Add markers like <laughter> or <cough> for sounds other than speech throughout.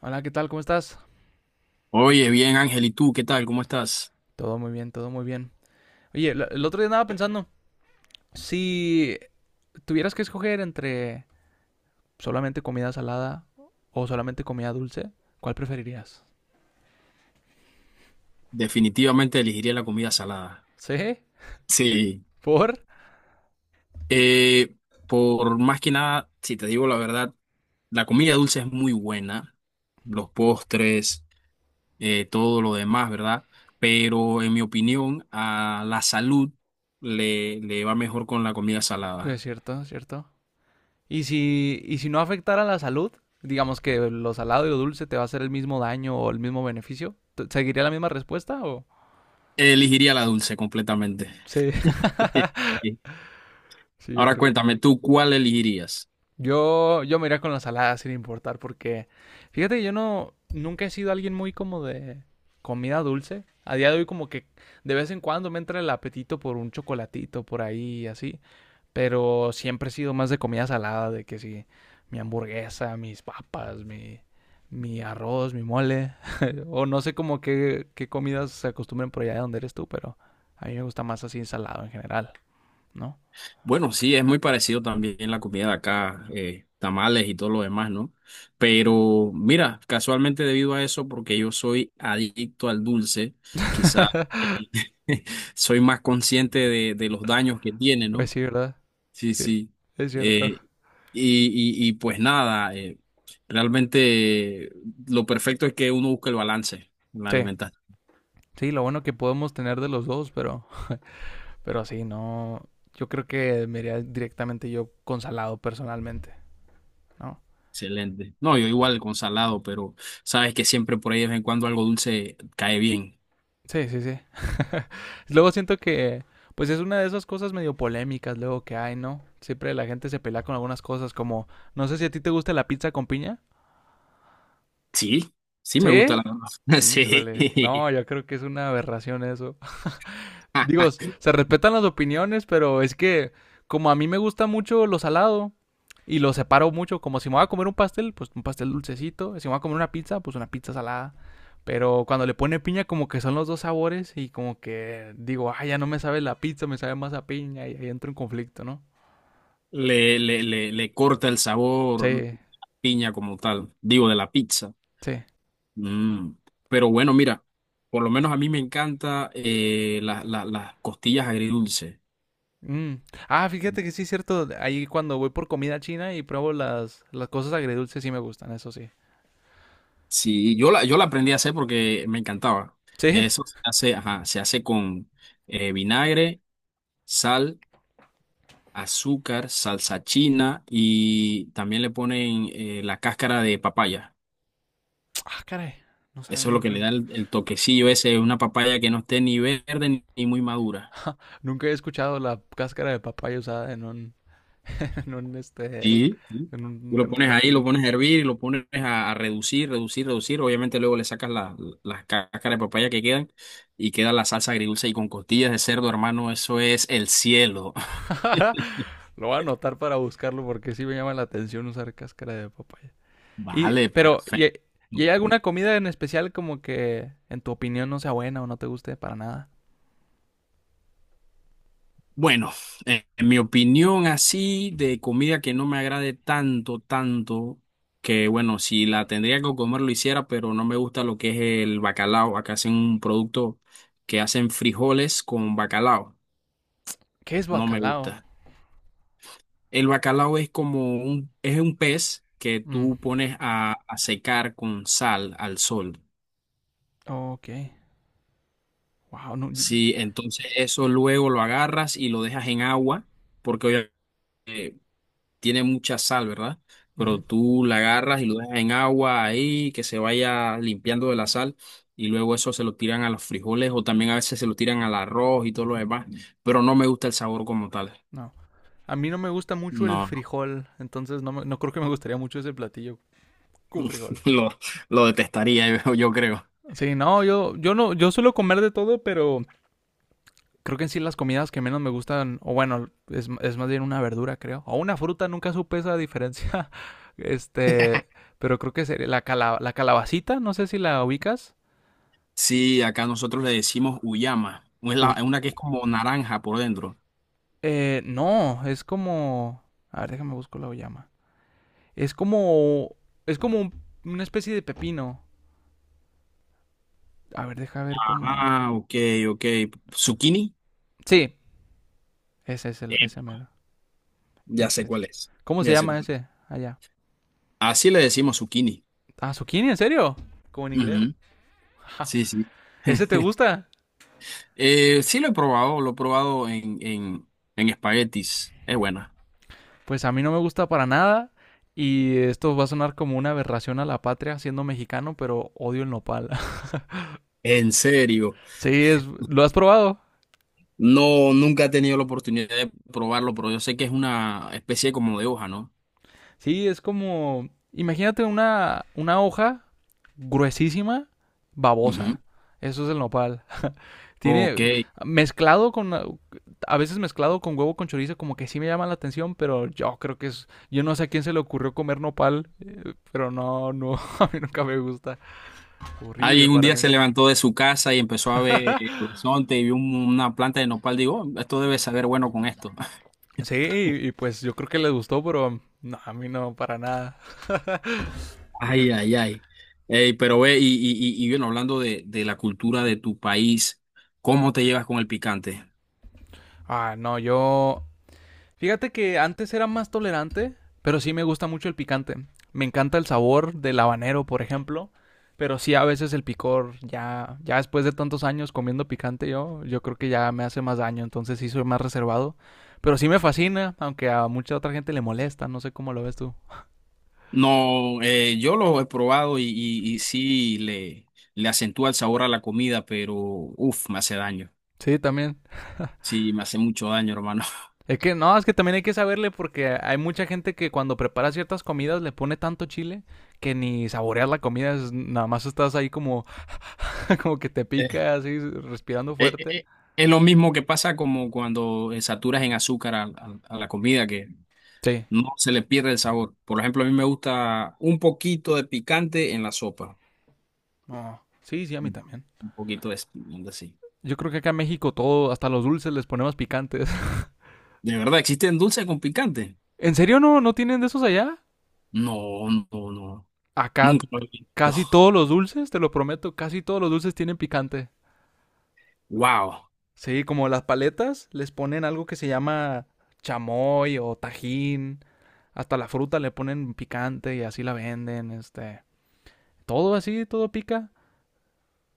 Hola, ¿qué tal? ¿Cómo estás? Oye, bien, Ángel, ¿y tú qué tal? ¿Cómo estás? Todo muy bien, todo muy bien. Oye, el otro día andaba pensando, si tuvieras que escoger entre solamente comida salada o solamente comida dulce, ¿cuál preferirías? Definitivamente elegiría la comida salada. ¿Sí? Sí, ¿Por? eh, por más que nada, si te digo la verdad, la comida dulce es muy buena, los postres, todo lo demás, ¿verdad? Pero en mi opinión, a la salud le va mejor con la comida Pues es salada. cierto, es cierto. Y si no afectara la salud, digamos que lo salado y lo dulce te va a hacer el mismo daño o el mismo beneficio, ¿seguiría la misma respuesta o...? Elegiría la dulce completamente. Sí, <laughs> <laughs> Sí. sí, yo Ahora creo. cuéntame, ¿tú cuál elegirías? Yo me iría con la salada sin importar porque fíjate que yo no nunca he sido alguien muy como de comida dulce. A día de hoy como que de vez en cuando me entra el apetito por un chocolatito por ahí así, pero siempre he sido más de comida salada, de que sí, mi hamburguesa, mis papas, mi arroz, mi mole <laughs> o no sé como qué comidas se acostumbran por allá de donde eres tú, pero a mí me gusta más así ensalado en general, ¿no? Bueno, sí, es muy parecido también la comida de acá, tamales y todo lo demás, ¿no? Sí. Pero mira, casualmente debido a eso, porque yo soy adicto al dulce, quizá eh, <laughs> soy más consciente de los daños que tiene, Pues ¿no? sí, ¿verdad? Sí, Sí, sí. es cierto. Eh, y, y pues nada, realmente lo perfecto es que uno busque el balance en la Sí, alimentación. sí, lo bueno que podemos tener de los dos, pero sí, no. Yo creo que me iría directamente yo con salado personalmente, ¿no? Excelente. No, yo igual con salado, pero sabes que siempre por ahí de vez en cuando algo dulce cae bien. Sí, sí, sí. <laughs> Luego siento que, pues es una de esas cosas medio polémicas luego que hay, ¿no? Siempre la gente se pelea con algunas cosas como, no sé si a ti te gusta la pizza con piña. Sí, sí me gusta la ¿Sí? verdad. <laughs> Sí. Híjole, no, yo creo que es una aberración eso. Digo, se respetan las opiniones, pero es que como a mí me gusta mucho lo salado y lo separo mucho, como si me voy a comer un pastel, pues un pastel dulcecito, si me voy a comer una pizza, pues una pizza salada. Pero cuando le pone piña, como que son los dos sabores y como que digo, ah, ya no me sabe la pizza, me sabe más a piña y ahí entro en conflicto, ¿no? Le corta el Sí, sabor piña como tal, digo, de la pizza. sí. Mm. Pero bueno, mira, por lo menos a mí me encanta las costillas agridulce. Mm. Ah, fíjate que sí es cierto, ahí cuando voy por comida china y pruebo las cosas agridulces, sí me gustan, eso sí. Sí, yo la aprendí a hacer porque me encantaba. Sí. Eso se hace, ajá, se hace con vinagre, sal, azúcar, salsa china y también le ponen la cáscara de papaya. Ah, caray, no sabe, Eso es lo que nunca, le da no, el toquecillo ese, una papaya que no esté ni verde ni muy madura. nunca he escuchado la cáscara de papaya usada en un, <laughs> en un, este, Sí, sí. en Tú lo un pones ahí, platillo. lo pones a hervir, lo pones a reducir, reducir, reducir. Obviamente luego le sacas las cáscaras de papaya que quedan y queda la salsa agridulce y con costillas de cerdo, hermano, eso es el cielo. <laughs> <laughs> Lo voy a anotar para buscarlo porque sí me llama la atención usar cáscara de papaya. Y, Vale, pero, ¿y, perfecto. y hay alguna comida en especial como que en tu opinión no sea buena o no te guste para nada? Bueno, en mi opinión así de comida que no me agrade tanto, que bueno, si la tendría que comer lo hiciera, pero no me gusta lo que es el bacalao. Acá hacen un producto que hacen frijoles con bacalao. ¿Qué es No me bacalao? gusta. El bacalao es como es un pez que Mm, tú pones a secar con sal al sol. ok. Wow, no, Sí, entonces eso luego lo agarras y lo dejas en agua, porque obviamente tiene mucha sal, ¿verdad? Pero ujú, tú la agarras y lo dejas en agua ahí, que se vaya limpiando de la sal, y luego eso se lo tiran a los frijoles o también a veces se lo tiran al arroz y todo lo demás, pero no me gusta el sabor como tal. no. A mí no me gusta mucho el No, frijol, entonces no, no creo que me gustaría mucho ese platillo con frijol. <laughs> lo, lo detestaría, yo creo. Sí, no, yo no, yo suelo comer de todo, pero creo que en sí las comidas que menos me gustan, o bueno, es más bien una verdura, creo. O una fruta, nunca supe esa diferencia. <laughs> Este, pero creo que sería la, la calabacita, no sé si la ubicas. Sí, acá nosotros le decimos uyama, es Uy, es una que es como naranja por dentro. No, es como... A ver, déjame buscar la llama. Es como... Es como una especie de pepino. A ver, deja ver cómo... Ah, ok, ok. ¿Zucchini? Sí, ese es el... Eh, Ese mero. ya Ese sé es. cuál es, ¿Cómo se ya sé llama cuál es. ese? Allá. Así le decimos zucchini. Ah, zucchini, ¿en serio? Como en inglés. Ujú, sí, sí. <laughs> ¿Ese te <laughs> gusta? Sí lo he probado en espaguetis. Es buena. Pues a mí no me gusta para nada y esto va a sonar como una aberración a la patria siendo mexicano, pero odio el nopal. <laughs> ¿En serio? Sí, es, ¿lo has probado? No, nunca he tenido la oportunidad de probarlo, pero yo sé que es una especie como de hoja, ¿no? Sí, es como, imagínate una hoja gruesísima, Ujú. babosa. Eso es el nopal. Ok. Tiene mezclado con a veces mezclado con huevo con chorizo como que sí me llama la atención, pero yo creo que es yo no sé a quién se le ocurrió comer nopal, pero no no <laughs> a mí nunca me gusta. Horrible Alguien un para día se mí. levantó de su casa y empezó a ver el horizonte y vio una planta de nopal. Digo, "Oh, esto debe saber bueno con esto." <laughs> Sí, y pues yo creo que les gustó, pero no, a mí no, para nada. Ay, ay, ay. Ey, pero ve, y bueno, hablando de la cultura de tu país, ¿cómo te llevas con el picante? Ah, no, yo... Fíjate que antes era más tolerante, pero sí me gusta mucho el picante. Me encanta el sabor del habanero, por ejemplo, pero sí a veces el picor, ya, ya después de tantos años comiendo picante yo creo que ya me hace más daño, entonces sí soy más reservado. Pero sí me fascina, aunque a mucha otra gente le molesta, no sé cómo lo ves tú. No, yo lo he probado y sí le acentúa el sabor a la comida, pero uff, me hace daño. Sí, también. Sí, me hace mucho daño, hermano. <laughs> Es que no, es que también hay que saberle porque hay mucha gente que cuando prepara ciertas comidas le pone tanto chile que ni saboreas la comida, nada más estás ahí como, <laughs> como que te Eh, pica, así, respirando Eh, eh, fuerte. eh, es lo mismo que pasa como cuando saturas en azúcar a la comida, que Sí. no se le pierde el sabor. Por ejemplo, a mí me gusta un poquito de picante en la sopa. No. Sí, sí, a mí Un también. un poquito de así. Yo creo que acá en México todo, hasta los dulces les ponemos picantes. <laughs> ¿De verdad existen dulces con picante? ¿En serio no, no tienen de esos allá? No, no, no. Acá Nunca lo he visto. casi <laughs> todos los dulces, te lo prometo, casi todos los dulces tienen picante. Wow. Sí, como las paletas les ponen algo que se llama chamoy o tajín. Hasta la fruta le ponen picante y así la venden. Todo así, todo pica.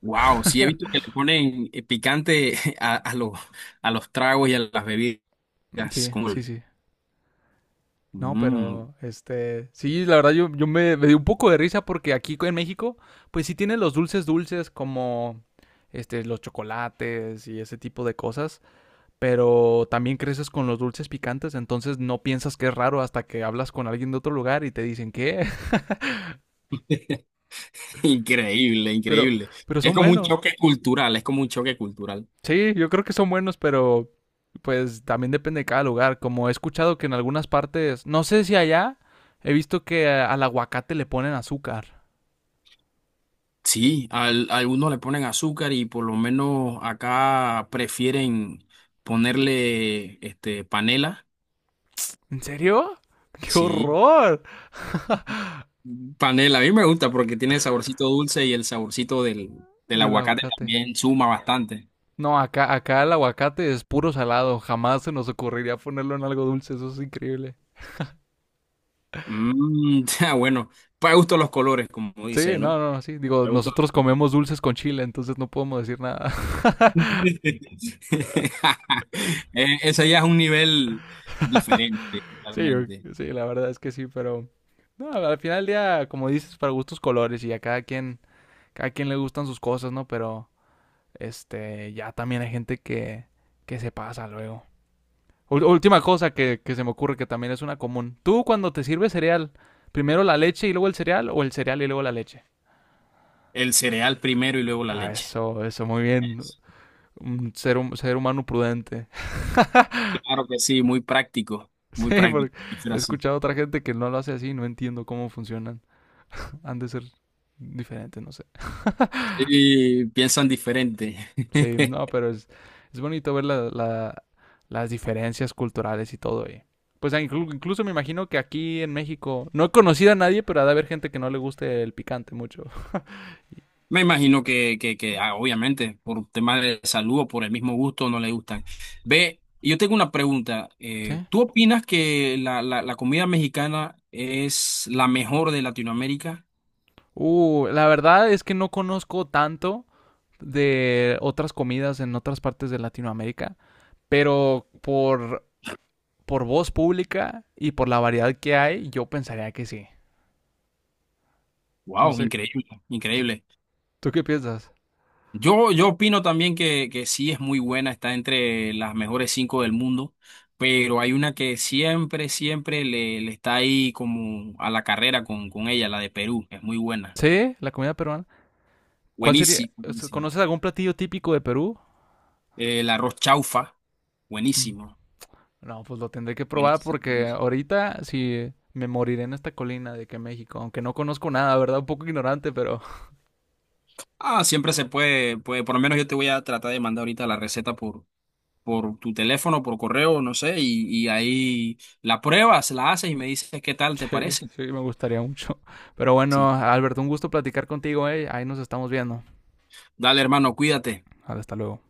Wow, sí he visto <laughs> que le ponen picante <laughs> a los tragos y a las bebidas. Sí, Como sí, el- sí. No, Mm, pero sí, la verdad yo me di un poco de risa porque aquí en México, pues sí tienen los dulces dulces como este, los chocolates y ese tipo de cosas, pero también creces con los dulces picantes, entonces no piensas que es raro hasta que hablas con alguien de otro lugar y te dicen que, <laughs> <laughs> increíble, pero, increíble. pero Es son como un buenos. choque cultural, es como un choque cultural. Sí, yo creo que son buenos, pero pues también depende de cada lugar. Como he escuchado que en algunas partes, no sé si allá, he visto que al aguacate le ponen azúcar. Sí, a algunos le ponen azúcar y por lo menos acá prefieren ponerle este panela. ¿En serio? <laughs> ¡Qué Sí, horror! panela, a mí me gusta porque tiene el saborcito dulce y el saborcito del Del aguacate aguacate. también suma bastante. No, acá el aguacate es puro salado. Jamás se nos ocurriría ponerlo en algo dulce. Eso es increíble. Mm, <laughs> ya, bueno, para gusto los colores, como Sí, dicen, no, ¿no? no, no, sí. Digo, Para gusto. nosotros comemos dulces con chile, entonces no podemos decir nada. <laughs> <laughs> Ese ya es un nivel diferente, Sí, realmente. sí, la verdad es que sí, pero... No, al final del día, como dices, para gustos colores y a cada quien le gustan sus cosas, ¿no? Pero ya también hay gente que, se pasa luego. Última cosa que se me ocurre que también es una común. Tú cuando te sirves cereal, primero la leche y luego el cereal o el cereal y luego la leche. El cereal primero y luego la Ah, leche. eso, muy bien. Eso. Un ser humano prudente. <laughs> Claro que sí, muy práctico, muy Sí, práctico. porque Prefiero he así. escuchado a otra gente que no lo hace así, no entiendo cómo funcionan. Han de ser diferentes, no sé. <laughs> Sí, piensan diferente. Sí, no, <laughs> pero es bonito ver las diferencias culturales y todo. Y pues incluso me imagino que aquí en México no he conocido a nadie, pero ha de haber gente que no le guste el picante mucho. <laughs> Me imagino que obviamente, por temas de salud o por el mismo gusto, no le gustan. Ve, yo tengo una pregunta. Sí. ¿Tú opinas que la comida mexicana es la mejor de Latinoamérica? La verdad es que no conozco tanto de otras comidas en otras partes de Latinoamérica, pero por voz pública y por la variedad que hay, yo pensaría que sí. No Wow, sé, increíble, ¿tú, increíble. tú qué piensas? Yo opino también que sí es muy buena, está entre las mejores 5 del mundo, pero hay una que siempre, siempre le está ahí como a la carrera con ella, la de Perú. Es muy buena. ¿Sí? ¿La comida peruana? ¿Cuál sería? Buenísimo. O sea, ¿conoces algún platillo típico de Perú? El arroz chaufa, Mm. buenísimo, No, pues lo tendré que probar buenísimo, porque buenísimo. ahorita sí me moriré en esta colina de que México, aunque no conozco nada, ¿verdad? Un poco ignorante, pero Ah, siempre se puede, puede, por lo menos yo te voy a tratar de mandar ahorita la receta por tu teléfono, por correo, no sé, y ahí la pruebas, la haces y me dices qué tal te <laughs> sí, parece. sí, me gustaría mucho. Pero bueno, Sí. Alberto, un gusto platicar contigo, ¿eh? Ahí nos estamos viendo. Dale, hermano, cuídate. Hasta luego.